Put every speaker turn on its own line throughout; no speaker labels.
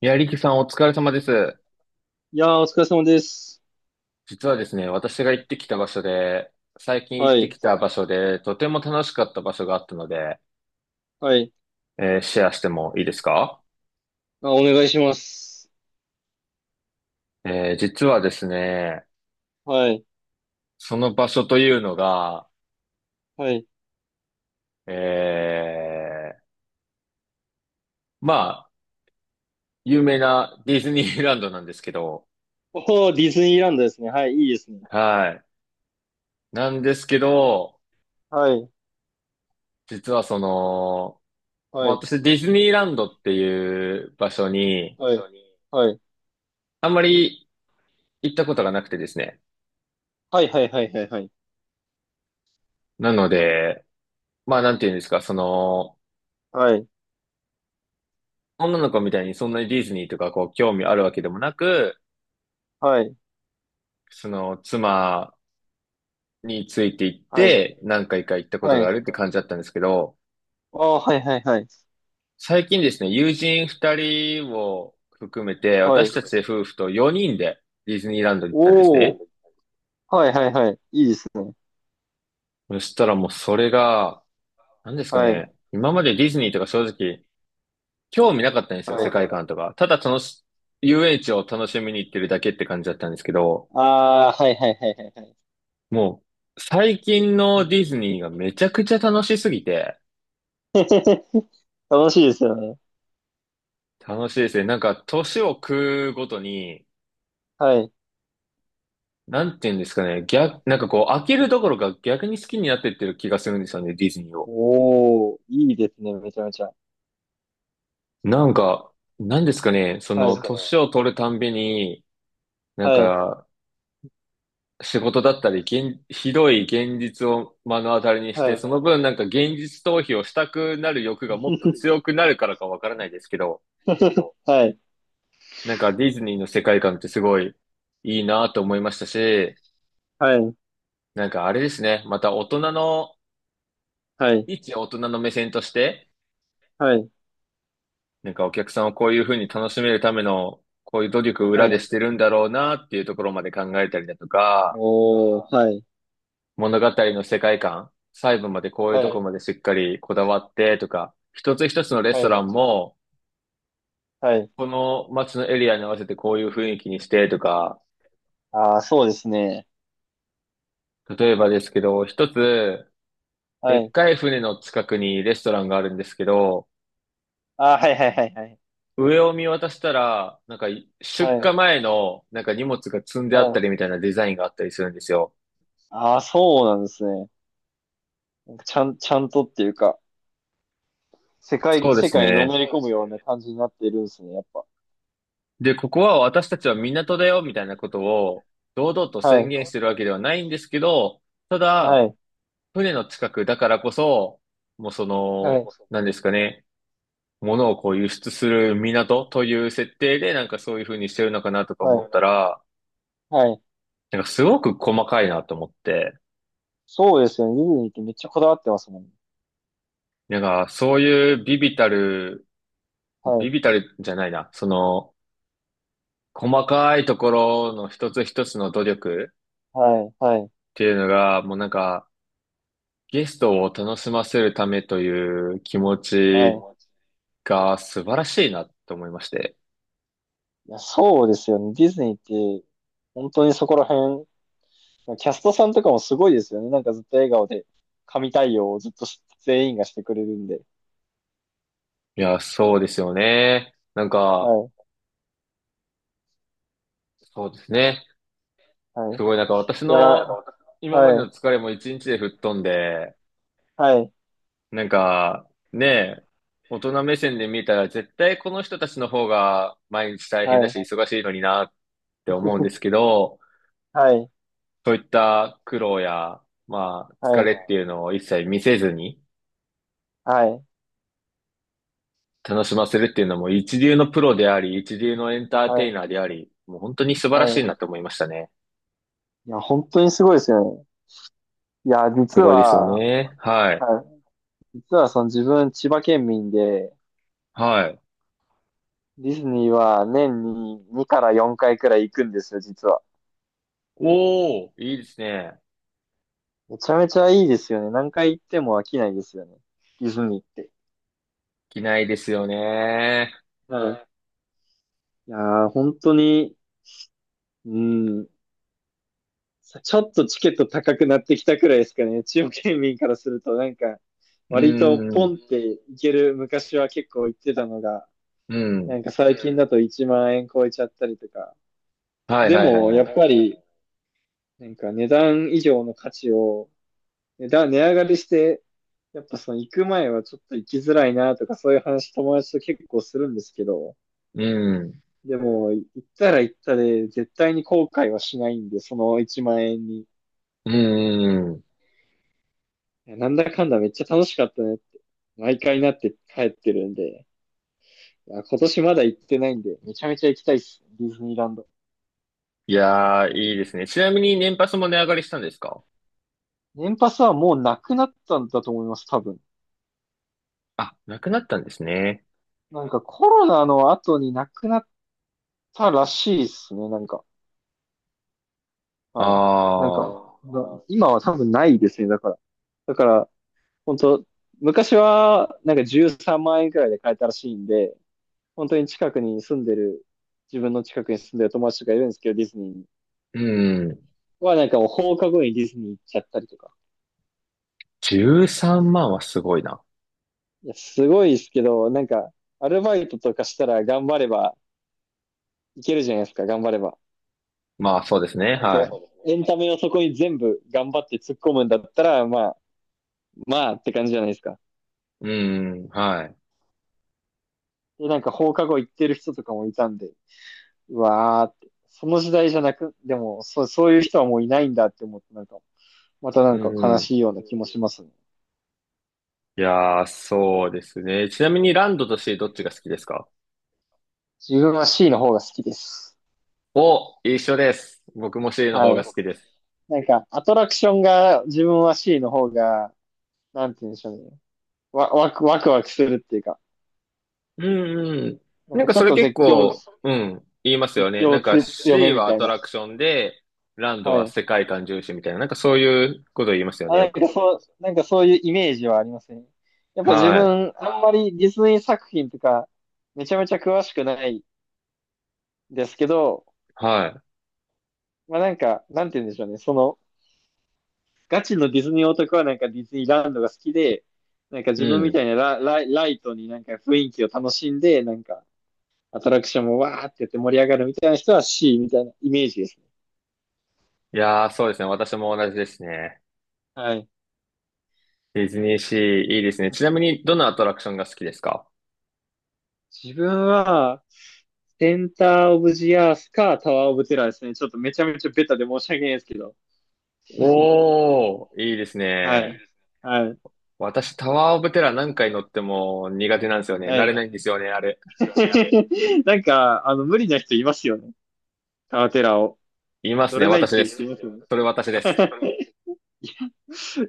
いや、リキさんお疲れ様です。
いやー、お疲れ様です。
実はですね、私が行ってきた場所で、最近行
は
って
い。
きた場所で、とても楽しかった場所があったので、
はい。
シェアしてもいいですか？
あ、お願いします。
実はですね、
はい。
その場所というのが、
はい。
えーまあ、有名なディズニーランドなんですけど、
おー、ディズニーランドですね。はい。いいですね。
はい。なんですけど、
はい。
実は
は
まあ
い。
私ディズニーランドっていう場所に、
はい。はい。
あんまり行ったことがなくてですね。
はい。はい。はい。はい。
なので、まあ、なんていうんですか、
はい。
女の子みたいにそんなにディズニーとかこう興味あるわけでもなく、
はい。
妻について行って
は
何回か行った
い。
ことがあ
は
るって
い。
感じだったんですけど、
あー、はい。はい。はい。
最近ですね、友人二人を含めて、
はい。
私たち夫婦と四人でディズニーランドに行ったんです
お
ね。
ー。はい。はい。はい。いいですね。
そしたらもうそれが、何ですか
はい。
ね、今までディズニーとか正直興味なかったんですよ、世界
はい。
観とか。ただ遊園地を楽しみに行ってるだけって感じだったんですけど、
あー、はい。はい。はい。はい。
もう、最近のディズニーがめちゃくちゃ楽しすぎて、
楽しいですよね。
楽しいですね。なんか、年を食うごとに、
はい。
なんて言うんですかね、なんか飽きるどころか逆に好きになってってる気がするんですよね、ディズニーを。
おー、いいですね。めちゃめちゃ。
なんか、なんですかね、
はい。
年を取るたんびに、なん
はい。
か、仕事だったり、ひどい現実を目の当たりにし
は
て、その
い。
分なんか現実逃避をしたくなる欲がもっと 強くなるからかわからないですけど、
はい。
なんかディズニーの世界観ってすごいいいなと思いましたし、
はい、
なんかあれですね、また大人の、
はい、
一大人の目線として、
はい、
なんかお客さんをこういうふうに楽しめるための、こういう努力を
は
裏
い。
でしてるんだろうなっていうところまで考えたりだとか、
おー、はい、
物語の世界観、細部までこういう
は
ところ
い、
までしっかりこだわってとか、一つ一つのレス
は
ト
い、
ランも、
はい。
この街のエリアに合わせてこういう雰囲気にしてとか、
ああ、そうですね。
例えばですけど、一つ、
は
でっ
い。
かい船の近くにレストランがあるんですけど、
ああ、はい、はい、はい、はい、
上を見渡したら、なんか
は
出
い、は
荷
い。
前のなんか荷物が積んであったりみたいなデザインがあったりするんですよ。
ああ、そうなんですね。ちゃんとっていうか、世界、
そうで
世
す
界にの
ね。
めり込むような感じになってるんですね、やっぱ。
で、ここは私たちは港だよみたいなことを堂々と
は
宣
い、
言してるわけではないんですけど、た
は
だ、
い、
船の近くだからこそ、もう
はい、
なんですかね、物をこう輸出する港という設定でなんかそういう風にしてるのかなとか
は
思っ
い、
たら、
はい。
なんかすごく細かいなと思って、
そうですよね。ディズニーってめっちゃこだわってますもんね。
なんか、そういうビビたる、
は
ビ
い、
ビたるじゃないな、その、細かいところの一つ一つの努力っ
はい、はい、
ていうのが、もうなんか、ゲストを楽しませるためという気持
は
ち
い。
が素晴らしいなと思いまして。
いや、そうですよね。ディズニーって、本当にそこら辺、キャストさんとかもすごいですよね。なんかずっと笑顔で、神対応をずっと全員がしてくれるんで。
いや、そうですよね。なんか、
はい、
そうですね。
は
す
い。
ごいなんか私
いや、
の今まで
はい、
の疲れも一日で吹っ飛んで、
はい、
なんか、ねえ、大人目線で見たら絶対この人たちの方が毎日大変
は
だし
い、
忙しいのになって思うんですけど、
はい、
そういった苦労や、まあ、
は
疲
い、
れっていうのを一切見せずに
はい、
楽しませるっていうのも一流のプロであり、一流のエンター
は
テイ
い、
ナーであり、もう本当に素晴
は
ら
い。
しいなと思いましたね。
いや、本当にすごいですよね。いや、
す
実
ごいですよ
は、
ね。はい。
はい、実はその自分、千葉県民で、
はい。
ディズニーは年に2から4回くらい行くんですよ、実は。
おー、いいですね。
めちゃめちゃいいですよね。何回行っても飽きないですよね。ディズニーって。
着ないですよね。
はい。いやー、本当に、うん、ちょっとチケット高くなってきたくらいですかね。中央県民からすると、なんか、
う
割とポ
ん、
ンっていける、昔は結構行ってたのが、
うん。
なんか最近だと1万円超えちゃったりとか。
はい
で
はいはい
も、や
はい。
っぱり、なんか値段以上の価値を、値上がりして、やっぱその行く前はちょっと行きづらいなとか、そういう話友達と結構するんですけど、
うん。
でも、行ったら行ったで、絶対に後悔はしないんで、その1万円に
うーん。
なんだかんだめっちゃ楽しかったねって、毎回なって帰ってるんで、いや今年まだ行ってないんで、めちゃめちゃ行きたいっすね、ディズニーランド。
いやー、いいですね。ちなみに年パスも値上がりしたんですか？
年パスはもうなくなったんだと思います、多分。
あ、なくなったんですね。
なんかコロナの後になくなったらしいっすね、なんか。
あ
はい。なん
あ
か、今は多分ないですね、だから。だから、本当昔は、なんか13万円くらいで買えたらしいんで、本当に近くに住んでる、自分の近くに住んでる友達とかいるんですけど、ディズニーに。
うん。
はなんかもう放課後にディズニー行っちゃったりとか。
13万はすごいな。
いや、すごいですけど、なんか、アルバイトとかしたら頑張ればいけるじゃないですか、頑張れば。
まあ、そうですね。
本あ
は
当、エンタメをそこに全部頑張って突っ込むんだったら、まあ、まあって感じじゃないですか。
い。うん、はい。
で、なんか放課後行ってる人とかもいたんで、うわーって、その時代じゃなく、でも、そう、そういう人はもういないんだって思って、なんか、またな
う
んか悲
ん。
しいよううな気もしんますね。
いやー、そうですね。ちなみにランドとシーどっちが好きですか？
自分は C の方が好きです。
お、一緒です。僕もシーの
は
方が
い。そ
好きです。
うなんか、アトラクションが自分は C の方がなんて言うんでしょうね。わ、わく、ワクワクするっていうか、
うんうん。
なん
なん
か
か
ちょ
そ
っ
れ
と
結
絶叫、
構、うん、言いますよ
絶
ね。
叫
なんか
強め
C
み
は
た
ア
い
ト
な。
ラクションで、ランド
は
は
い。
世界観重視みたいな、なんかそういうこと言いますよね、
あ、
よ
なん
く。
かそう、なんかそういうイメージはありますね。やっぱ自
はい、
分、あんまりディズニー作品とか、めちゃめちゃ詳しくないですけど、
は
まあなんか、なんて言うんでしょうね。その、ガチのディズニー男はなんかディズニーランドが好きで、なんか
い。
自
う
分みた
ん。
いなライトになんか雰囲気を楽しんで、なんかアトラクションもわーってやって盛り上がるみたいな人は C みたいなイメージですね。
いやー、そうですね。私も同じですね。
はい。
ディズニーシー、いいですね。ちなみに、どのアトラクションが好きですか？
自分は、センターオブジアースかタワーオブテラーですね。ちょっとめちゃめちゃベタで申し訳ないですけど。
おー、いいです
はい。
ね。
はい。
私、タワーオブテラー何回乗っても苦手なんですよね。
は
慣
い。
れないんですよね、あれ。
なんか、無理な人いますよね。タワーテラーを。
います
乗
ね、
れないっ
私
て
で
いう人い
す。
ますよね。
それ私です。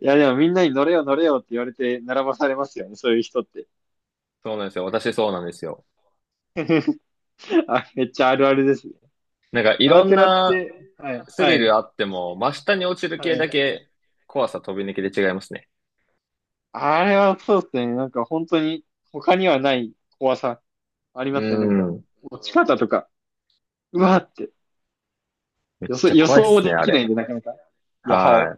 いや、でもみんなに乗れよ乗れよって言われて並ばされますよね。そういう人って。
そうなんですよ。私そうなんですよ。
あ、めっちゃあるあるですね。
なんかい
タワ
ろ
ー
ん
テラっ
な
て、はい。
ス
は
リ
い。
ルあっても、真下に落ちる
は
系
い。
だけ怖さ飛び抜けで違いますね。
あれはそうですね。なんか本当に他にはない怖さ。あり
う
ますね、なんか。
ん。
落ち方とか、うわーって。
めっ
予想、
ちゃ
予
怖いっ
想も
すね、
で
あ
きな
れ。
いんで、なかなか。いや、はい。
は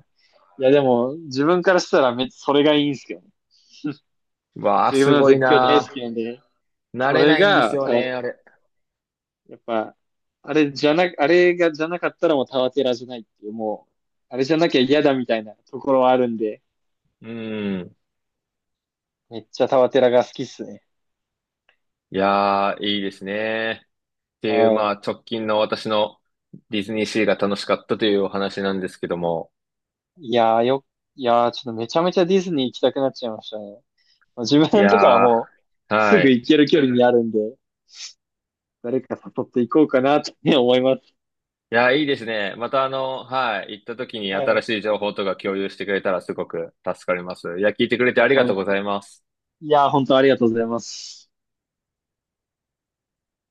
いや、でも、自分からしたらめっちゃそれがいいんですけどね。
い。わあ、
自分
す
は
ごい
絶叫大好き
な
なんで、
ー。慣
そ
れ
れ
ないんです
が、
よね、あれ。
やっぱ、あれじゃな、あれがじゃなかったらもうタワテラじゃないっていう、もう、あれじゃなきゃ嫌だみたいなところはあるんで、
うん。
めっちゃタワテラが好きっすね。
いやー、いいですね。っていう、ま
は
あ、直近の私のディズニーシーが楽しかったというお話なんですけども。
い。いやーよ、いやーちょっとめちゃめちゃディズニー行きたくなっちゃいましたね。まあ自
い
分
や
とかはもう、
ー、
す
は
ぐ
い。
行ける距離にあるんで、誰か誘っていこうかなって思います。
いや、いいですね。またはい、行った時に
は
新
い。
しい情報とか共有してくれたらすごく助かります。いや、聞いてくれて
い
あ
や、
りがと
本
うご
当
ざ
に。
います。
いや、本当ありがとうございます。